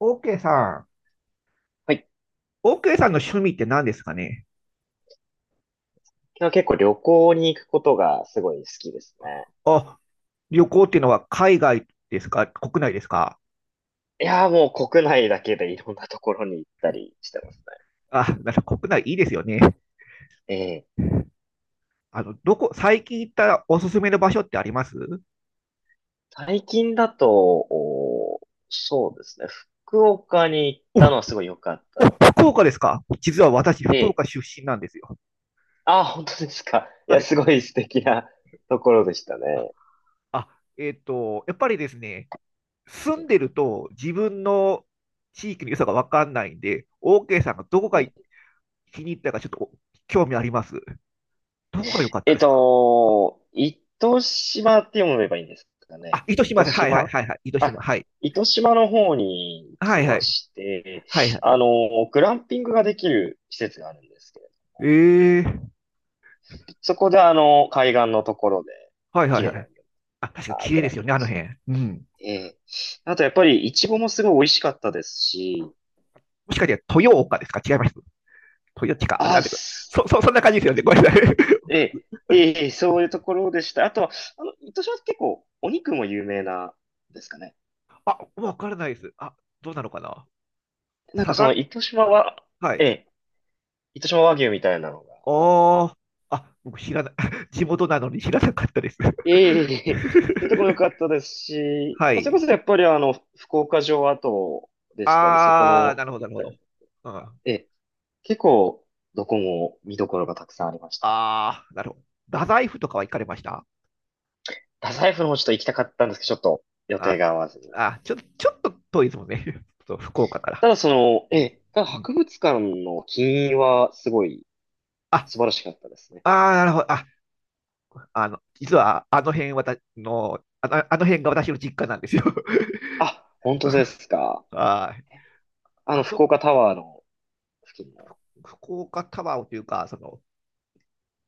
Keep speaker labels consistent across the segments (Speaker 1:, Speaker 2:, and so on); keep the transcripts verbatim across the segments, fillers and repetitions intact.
Speaker 1: オーケーさん、
Speaker 2: はい。
Speaker 1: オーケーさんの趣味って何ですかね？
Speaker 2: 僕は結構旅行に行くことがすごい好きですね。
Speaker 1: あ、旅行っていうのは海外ですか、国内ですか？
Speaker 2: いやーもう国内だけでいろんなところに行ったりしてます
Speaker 1: あ、なんか国内いいですよね。
Speaker 2: ね。ええ、
Speaker 1: あの、どこ、最近行ったおすすめの場所ってあります？
Speaker 2: 最近だと、おーそうですね。福岡に行っ
Speaker 1: お、
Speaker 2: たのはすごい良かったの
Speaker 1: 福岡ですか？実は私、福
Speaker 2: で、
Speaker 1: 岡出身なんですよ。
Speaker 2: あー、本当ですか。い
Speaker 1: は
Speaker 2: や、
Speaker 1: い。
Speaker 2: すごい素敵なところでしたね。
Speaker 1: あ、えっと、やっぱりですね、住んでると自分の地域の良さがわかんないんで、オーケーさんがどこが気に入ったかちょっと興味あります。どこが良かった
Speaker 2: え
Speaker 1: で
Speaker 2: っ
Speaker 1: すか？
Speaker 2: と、糸島って読めばいいんですかね。
Speaker 1: あ、糸島
Speaker 2: 糸
Speaker 1: です。はいはい
Speaker 2: 島
Speaker 1: はいはい。糸
Speaker 2: あ、
Speaker 1: 島。はい。
Speaker 2: 糸島の方に行
Speaker 1: は
Speaker 2: き
Speaker 1: いは
Speaker 2: ま
Speaker 1: い。
Speaker 2: して、
Speaker 1: はいはい。
Speaker 2: あの、グランピングができる施設があるんですけど、
Speaker 1: ええ、
Speaker 2: そこであの、海岸のところで、
Speaker 1: はいは
Speaker 2: 綺
Speaker 1: い
Speaker 2: 麗
Speaker 1: は
Speaker 2: な
Speaker 1: い。
Speaker 2: 海を
Speaker 1: あ、確かに
Speaker 2: あ、
Speaker 1: 綺
Speaker 2: グ
Speaker 1: 麗で
Speaker 2: ラ
Speaker 1: す
Speaker 2: ン
Speaker 1: よ
Speaker 2: ピン
Speaker 1: ね、
Speaker 2: グ
Speaker 1: あの
Speaker 2: し
Speaker 1: 辺。うん。
Speaker 2: て、えーあとやっぱり、イチゴもすごい美味しかったですし、
Speaker 1: もしかして豊岡ですか？違います。豊地か。あれなん
Speaker 2: あ、
Speaker 1: ていうか。
Speaker 2: す
Speaker 1: そ、そ、そんな感じですよね。ごめんなさい。
Speaker 2: えー、えーそういうところでした。あとは、あの、糸島って結構、お肉も有名なんですかね。
Speaker 1: あ、わからないです。あ、どうなのかな。
Speaker 2: なん
Speaker 1: 佐
Speaker 2: かそ
Speaker 1: 賀、
Speaker 2: の糸島は、
Speaker 1: は
Speaker 2: え
Speaker 1: い。
Speaker 2: え、糸島和牛みたいなのがあっ
Speaker 1: ああ、あ、僕知らない。地元なのに知らなかったです。
Speaker 2: て、そういうところ良かっ たですし、
Speaker 1: は
Speaker 2: まあ、それ
Speaker 1: い。
Speaker 2: こそやっぱりあの、福岡城跡でしたり、そこ
Speaker 1: ああ、な
Speaker 2: の
Speaker 1: るほど、な
Speaker 2: 一
Speaker 1: るほど。
Speaker 2: 帯、
Speaker 1: うん。
Speaker 2: ええ、結構どこも見どころがたくさんありましたね。
Speaker 1: ああ、なるほど。太宰府とかは行かれました？
Speaker 2: 太宰府の方ちょっと行きたかったんですけど、ちょっと予定
Speaker 1: あ、
Speaker 2: が合わずに。
Speaker 1: あ、ちょ、ちょっと遠いですもんね。そう、福岡から。
Speaker 2: ただその、
Speaker 1: う
Speaker 2: え
Speaker 1: ん、
Speaker 2: え、ただ
Speaker 1: うん、
Speaker 2: 博物館の金印はすごい
Speaker 1: あ、
Speaker 2: 素晴らしかったですね。
Speaker 1: あー、なるほど。あ、あの、実はあの辺私の、あの、あの辺が私の実家なんですよ。
Speaker 2: あ、本当ですか。
Speaker 1: はい。
Speaker 2: あの、
Speaker 1: あ
Speaker 2: 福
Speaker 1: そ、
Speaker 2: 岡タワーの付近の。
Speaker 1: 福岡タワーというか、その、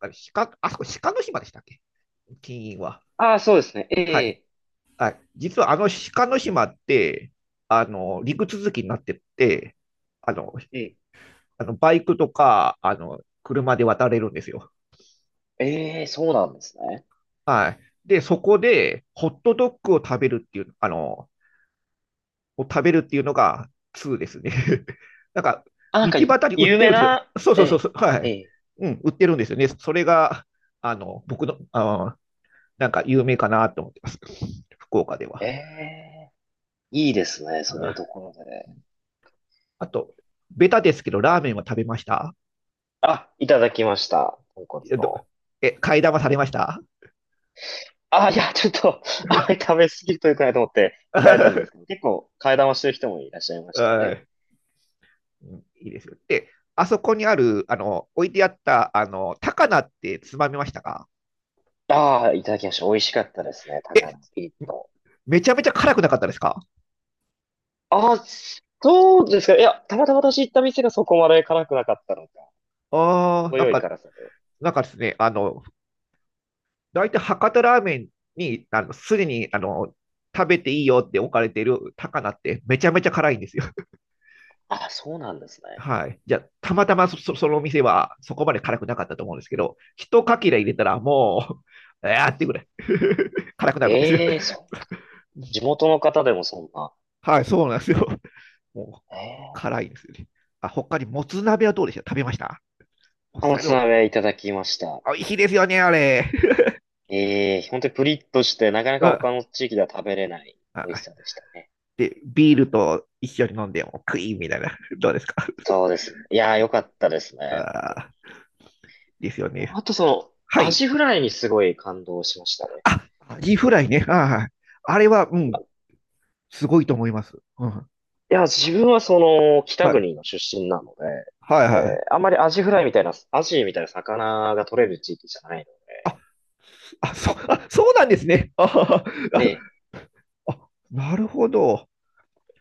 Speaker 1: あれ鹿、あそこ鹿の島でしたっけ？金印は。
Speaker 2: ああ、そうですね。え
Speaker 1: はい。
Speaker 2: え、
Speaker 1: はい。実はあの鹿の島って、あの、陸続きになってて、あの、
Speaker 2: ええ、
Speaker 1: あのバイクとか、あの、車で渡れるんですよ。
Speaker 2: ええ、そうなんですね。
Speaker 1: はい。で、そこで、ホットドッグを食べるっていう、あの、を食べるっていうのがつうですね。なんか、
Speaker 2: あ、なん
Speaker 1: 道
Speaker 2: か、
Speaker 1: 端に売っ
Speaker 2: 有
Speaker 1: て
Speaker 2: 名
Speaker 1: るんですよ。
Speaker 2: な、
Speaker 1: そうそ
Speaker 2: え
Speaker 1: うそう
Speaker 2: え、
Speaker 1: そう、は
Speaker 2: え
Speaker 1: い。
Speaker 2: え、
Speaker 1: うん、売ってるんですよね。それが、あの、僕の、あなんか有名かなと思ってます、福岡で
Speaker 2: え
Speaker 1: は。
Speaker 2: え、いいですね、そういうところで。
Speaker 1: あと、ベタですけど、ラーメンは食べました？
Speaker 2: あ、いただきました、豚骨の。
Speaker 1: え、買い玉されました？
Speaker 2: あ、いや、ちょっと、あれ食べ過ぎるとよくないと思って控えたんですけど、結構、替え玉してる人もいらっしゃいましたね。
Speaker 1: いいですよ。で、あそこにある、あの、置いてあった、あの、高菜ってつまみましたか？
Speaker 2: ああ、いただきました。美味しかったですね、高
Speaker 1: え、
Speaker 2: 菜のピリッと。
Speaker 1: めちゃめちゃ辛くなかったですか？
Speaker 2: あ、そうですか。いや、たまたま私行った店がそこまで辛くなかったのか。
Speaker 1: ああ、
Speaker 2: 程
Speaker 1: なん
Speaker 2: よい
Speaker 1: か、
Speaker 2: 辛さで。
Speaker 1: なんかですね、あの、大体博多ラーメンに、あの、すでに、あの、食べていいよって置かれている高菜ってめちゃめちゃ辛いんですよ。
Speaker 2: あ、そうなんですね。
Speaker 1: はい。じゃあ、たまたまそ、そのお店はそこまで辛くなかったと思うんですけど、一かけら入れたらもう、えーってぐらい 辛くなるんですよ。
Speaker 2: ええ、そう。地 元の方でもそんな。
Speaker 1: はい、そうなんですよ。もう、
Speaker 2: ええ、
Speaker 1: 辛いですよね。あ、他にもつ鍋はどうでした？食べました？もつ
Speaker 2: お
Speaker 1: 鍋
Speaker 2: つ
Speaker 1: を、
Speaker 2: 鍋いただきました。
Speaker 1: 美味しいですよね、あれ。
Speaker 2: ええ、本当にプリッとして、なかな
Speaker 1: う
Speaker 2: か他
Speaker 1: ん。
Speaker 2: の地域では食べれない美味し
Speaker 1: あ、
Speaker 2: さでしたね。
Speaker 1: で、ビールと一緒に飲んでもクイーンみたいな。どうですか？
Speaker 2: そ うですね。いやー、良かったですね。本
Speaker 1: あ、ですよね。
Speaker 2: 当、あとその、
Speaker 1: は
Speaker 2: ア
Speaker 1: い。
Speaker 2: ジフライにすごい感動しましたね。
Speaker 1: あ、アジフライね。あ、はい。あれは、う
Speaker 2: ま
Speaker 1: ん、
Speaker 2: い
Speaker 1: すごいと思います。うん、は
Speaker 2: や、自分はその、北国
Speaker 1: い。
Speaker 2: の出身なので、
Speaker 1: はい
Speaker 2: えー
Speaker 1: はい。
Speaker 2: あんまりアジフライみたいな、アジみたいな魚が取れる地域じゃないので、
Speaker 1: あ、あ、そ、あ、そうなんですね。あ
Speaker 2: ええ、
Speaker 1: ああ、なるほど。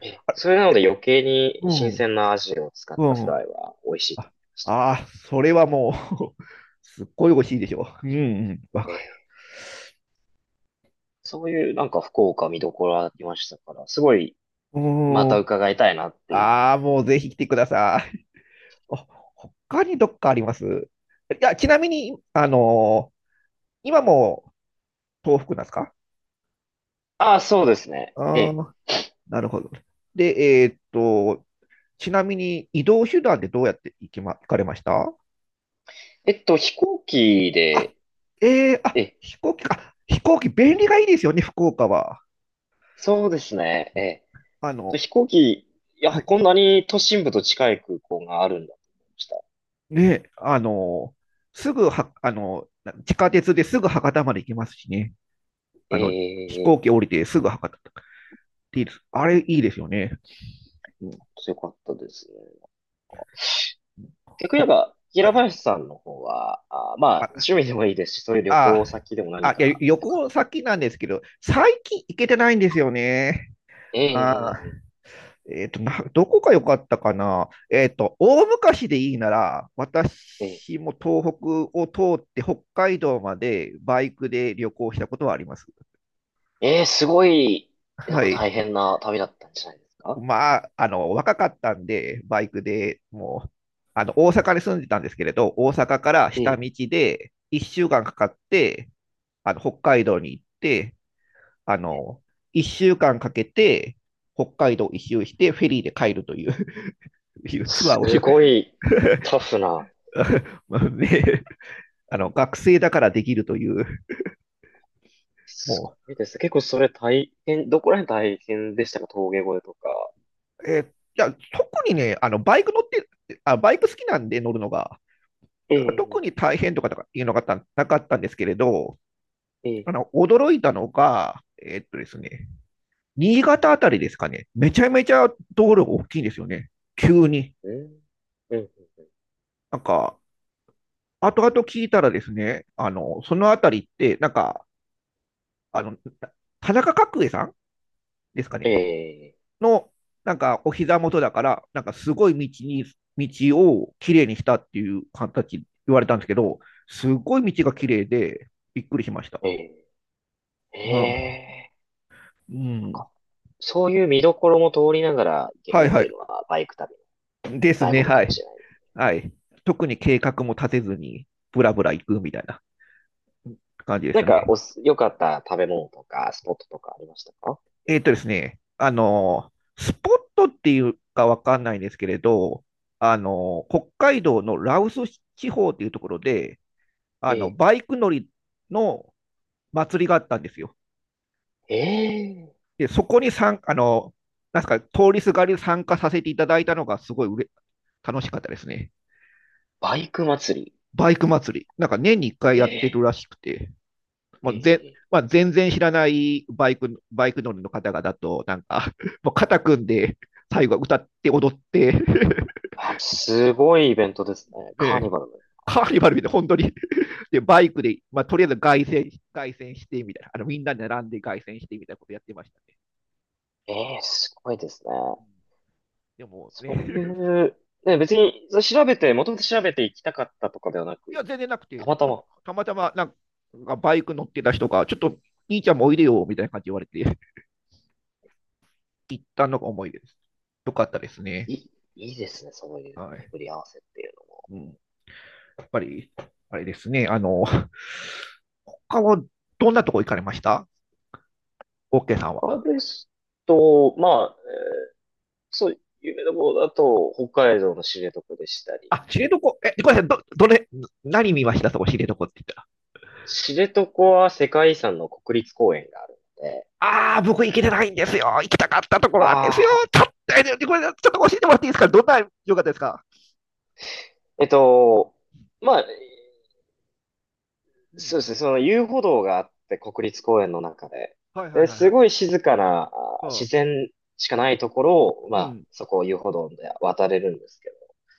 Speaker 2: ええ、
Speaker 1: あれ、
Speaker 2: それなので余計に
Speaker 1: う
Speaker 2: 新
Speaker 1: ん、
Speaker 2: 鮮なアジを使ったフ
Speaker 1: うん。
Speaker 2: ライは美味しい
Speaker 1: あ、
Speaker 2: と思いました。
Speaker 1: あそれはもう、すっごい美味しいでしょう。うん、うん、わかる。
Speaker 2: ええ、そういうなんか福岡見どころありましたから、すごい
Speaker 1: う
Speaker 2: また
Speaker 1: ん。
Speaker 2: 伺いたいなっていう。
Speaker 1: ああ、もうぜひ来てください。あ、他にどっかあります？いや、ちなみに、あのー今も東北なんですか？
Speaker 2: ああ、そうですね。え
Speaker 1: ああ
Speaker 2: え。
Speaker 1: ー、なるほど。で、えーっと、ちなみに移動手段でどうやって行きま、行かれました？
Speaker 2: えっと、飛行機
Speaker 1: あ、
Speaker 2: で、
Speaker 1: えー、
Speaker 2: え
Speaker 1: あ、
Speaker 2: え、
Speaker 1: 飛行機か。飛行機便利がいいですよね、福岡は。
Speaker 2: そうですね。え
Speaker 1: あ
Speaker 2: え。
Speaker 1: の、
Speaker 2: 飛行機、いや、
Speaker 1: はい。
Speaker 2: こんなに都心部と近い空港があるんだと思いました。
Speaker 1: ね、あのすぐは、あのな地下鉄ですぐ博多まで行きますしね。
Speaker 2: え
Speaker 1: あの、飛
Speaker 2: え、
Speaker 1: 行
Speaker 2: え
Speaker 1: 機
Speaker 2: え、
Speaker 1: 降りてすぐ博多とかっていいです。あれいいですよね。うん
Speaker 2: 強かったですね。逆に言え
Speaker 1: ほ
Speaker 2: ば、
Speaker 1: は
Speaker 2: 平
Speaker 1: い、
Speaker 2: 林さんの方は、あ、まあ、趣
Speaker 1: あ、
Speaker 2: 味でもいいですし、そういう旅
Speaker 1: あ、
Speaker 2: 行先でも何
Speaker 1: あ、いや、
Speaker 2: か
Speaker 1: 旅
Speaker 2: よかった。
Speaker 1: 行先なんですけど、最近行けてないんですよね。
Speaker 2: え
Speaker 1: あ
Speaker 2: え、
Speaker 1: ー、えっと、な、どこが良かったかな。えっと、大昔でいいなら、
Speaker 2: ええ、ええ、
Speaker 1: 私も東北を通って北海道までバイクで旅行したことはあります。
Speaker 2: ええ、すごい、なん
Speaker 1: は
Speaker 2: か
Speaker 1: い。
Speaker 2: 大変な旅だったんじゃないですか？
Speaker 1: まあ、あの、若かったんで、バイクでもう、あの、大阪に住んでたんですけれど、大阪から
Speaker 2: え
Speaker 1: 下
Speaker 2: え、
Speaker 1: 道でいっしゅうかんかんかかって、あの、北海道に行って、あの、いっしゅうかんかんかけて、北海道一周して、フェリーで帰るという いうツアー
Speaker 2: す
Speaker 1: をし
Speaker 2: ごいタフな。
Speaker 1: まあね、あの学生だからできるという、
Speaker 2: すご
Speaker 1: も
Speaker 2: いですね。結構それ大変、どこら辺大変でしたか？峠越えとか。
Speaker 1: う、えーいや特にね、あのバイク乗ってあ、バイク好きなんで乗るのが、
Speaker 2: え
Speaker 1: だから
Speaker 2: え、
Speaker 1: 特に大変とかとかいうのがたなかったんですけれど、
Speaker 2: ええ、
Speaker 1: あの驚いたのが、えーっとですね、新潟あたりですかね、めちゃめちゃ道路が大きいんですよね、急に。
Speaker 2: うん、うん、
Speaker 1: なんか、後々聞いたらですね、あの、そのあたりって、なんか、あの、田中角栄さんですか
Speaker 2: え
Speaker 1: ね、
Speaker 2: え、
Speaker 1: の、なんかお膝元だから、なんかすごい道に、道をきれいにしたっていう形言われたんですけど、すごい道がきれいで、びっくりしました。
Speaker 2: ええ、
Speaker 1: は
Speaker 2: ええ。
Speaker 1: う
Speaker 2: なん
Speaker 1: ん。
Speaker 2: かそういう見どころも通りながら行け
Speaker 1: はい
Speaker 2: るっ
Speaker 1: は
Speaker 2: ていう
Speaker 1: い。
Speaker 2: のはバイク旅
Speaker 1: で
Speaker 2: の
Speaker 1: す
Speaker 2: 醍醐
Speaker 1: ね、
Speaker 2: 味か
Speaker 1: は
Speaker 2: も
Speaker 1: い。
Speaker 2: しれない。
Speaker 1: はい。特に計画も立てずに、ぶらぶら行くみたいな感じで
Speaker 2: な
Speaker 1: す
Speaker 2: んか
Speaker 1: ね。
Speaker 2: おす、良かった食べ物とかスポットとかありましたか？
Speaker 1: えっとですね、あの、スポットっていうかわかんないんですけれど、あの、北海道の羅臼地方っていうところで、あ
Speaker 2: え
Speaker 1: の、
Speaker 2: え、
Speaker 1: バイク乗りの祭りがあったんですよ。
Speaker 2: ええ、
Speaker 1: で、そこに参あの、なんすか、通りすがり参加させていただいたのがすごいうれ楽しかったですね。
Speaker 2: バイク祭り。
Speaker 1: バイク祭り。なんか年にいっかい
Speaker 2: え
Speaker 1: やってる
Speaker 2: え、
Speaker 1: らしくて、も
Speaker 2: え
Speaker 1: うぜ、
Speaker 2: え。
Speaker 1: まあ、全然知らないバイク、バイク乗りの方々と、なんか、もう肩組んで、最後は歌って踊って
Speaker 2: あ、すごいイベントですね。カー
Speaker 1: で、
Speaker 2: ニバル？
Speaker 1: カーニバルみたいな、本当に で、バイクで、まあ、とりあえず凱旋凱旋してみたいな、あのみんなで並んで凱旋してみたいなことやってましたね。
Speaker 2: ええ、すごいですね。
Speaker 1: うん。でもね、
Speaker 2: そう いう、ね、別に、それ調べて、もともと調べていきたかったとかではな
Speaker 1: い
Speaker 2: く、
Speaker 1: や、全然なく
Speaker 2: た
Speaker 1: て、
Speaker 2: また
Speaker 1: た
Speaker 2: ま、
Speaker 1: たまたまなんかバイク乗ってた人が、ちょっと兄ちゃんもおいでよみたいな感じで言われて、行ったのが思い出です。よかったですね。
Speaker 2: いい、いいですね、そういう
Speaker 1: はい。
Speaker 2: 巡り合わせっていうの。
Speaker 1: うん、やっぱり、あれですね、あの、他はどんなとこ行かれました？オッケーさん
Speaker 2: 他
Speaker 1: は。
Speaker 2: ですと、まあ、そう、有名なものだと、北海道の知床でしたり、
Speaker 1: あ、知床、え、ごめんなさい、ど、どれ、何見ました、そこ、知床って言ったら？
Speaker 2: 知床は世界遺産の国立公園があるので、
Speaker 1: ああ、僕行けてないんですよ。行きたかったところなんですよ。
Speaker 2: ああ、
Speaker 1: ちょっと、これ、ちょっと教えてもらっていいですか？どんな良かったですか？
Speaker 2: えっと、まあ、
Speaker 1: う
Speaker 2: そうで
Speaker 1: ん。
Speaker 2: すね、その遊歩道があって、国立公園の中で。
Speaker 1: はいはい
Speaker 2: で、
Speaker 1: はいは
Speaker 2: すご
Speaker 1: い。
Speaker 2: い静かな、あ
Speaker 1: は
Speaker 2: 自
Speaker 1: あ、
Speaker 2: 然しかないところを、ま
Speaker 1: う
Speaker 2: あ、
Speaker 1: ん。
Speaker 2: そこを遊歩道で渡れるんですけ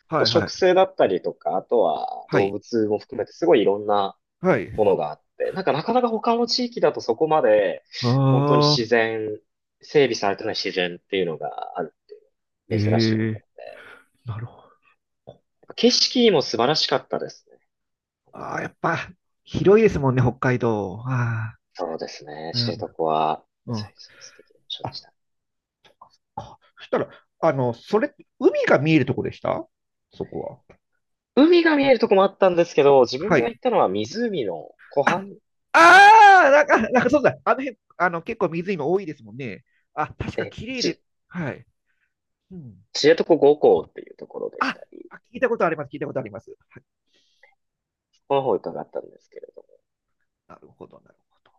Speaker 1: は
Speaker 2: ど、
Speaker 1: いは
Speaker 2: 植
Speaker 1: い。
Speaker 2: 生だったりとか、あとは
Speaker 1: は
Speaker 2: 動
Speaker 1: い。
Speaker 2: 物も含めてすごいいろんな
Speaker 1: はい。
Speaker 2: ものがあって、なんかなかなか他の地域だとそこまで、本当に
Speaker 1: あ
Speaker 2: 自
Speaker 1: あ、
Speaker 2: 然、整備されてない自然っていうのがあるって
Speaker 1: え
Speaker 2: いう、珍しかった
Speaker 1: え、
Speaker 2: ので、や
Speaker 1: なるほど。
Speaker 2: っぱ景色も素晴らしかったですね。
Speaker 1: ああ、やっぱ、広いですもんね、北海道。ああ、
Speaker 2: そうですね、
Speaker 1: う
Speaker 2: 知
Speaker 1: ん。
Speaker 2: 床は、
Speaker 1: う
Speaker 2: そう
Speaker 1: ん。
Speaker 2: そう、すごい素敵な場所
Speaker 1: あ、
Speaker 2: でした。
Speaker 1: かそしたら、あの、それ、海が見えるとこでしたそこは？
Speaker 2: 海が見えるとこもあったんですけど、自分
Speaker 1: は
Speaker 2: が
Speaker 1: い。
Speaker 2: 行ったのは湖の湖
Speaker 1: あ、
Speaker 2: 畔、
Speaker 1: ああ、なんか、なんかそうだ。あの辺、あの、結構水今多いですもんね。あ、確か
Speaker 2: え、
Speaker 1: 綺麗で、
Speaker 2: ち、
Speaker 1: はい。うん。
Speaker 2: 知床五湖っていうところでし
Speaker 1: あ、
Speaker 2: たり、
Speaker 1: あ聞いたことあります。聞いたことあります。はい、
Speaker 2: この方伺ったんですけれど。
Speaker 1: なるほど、なるほど。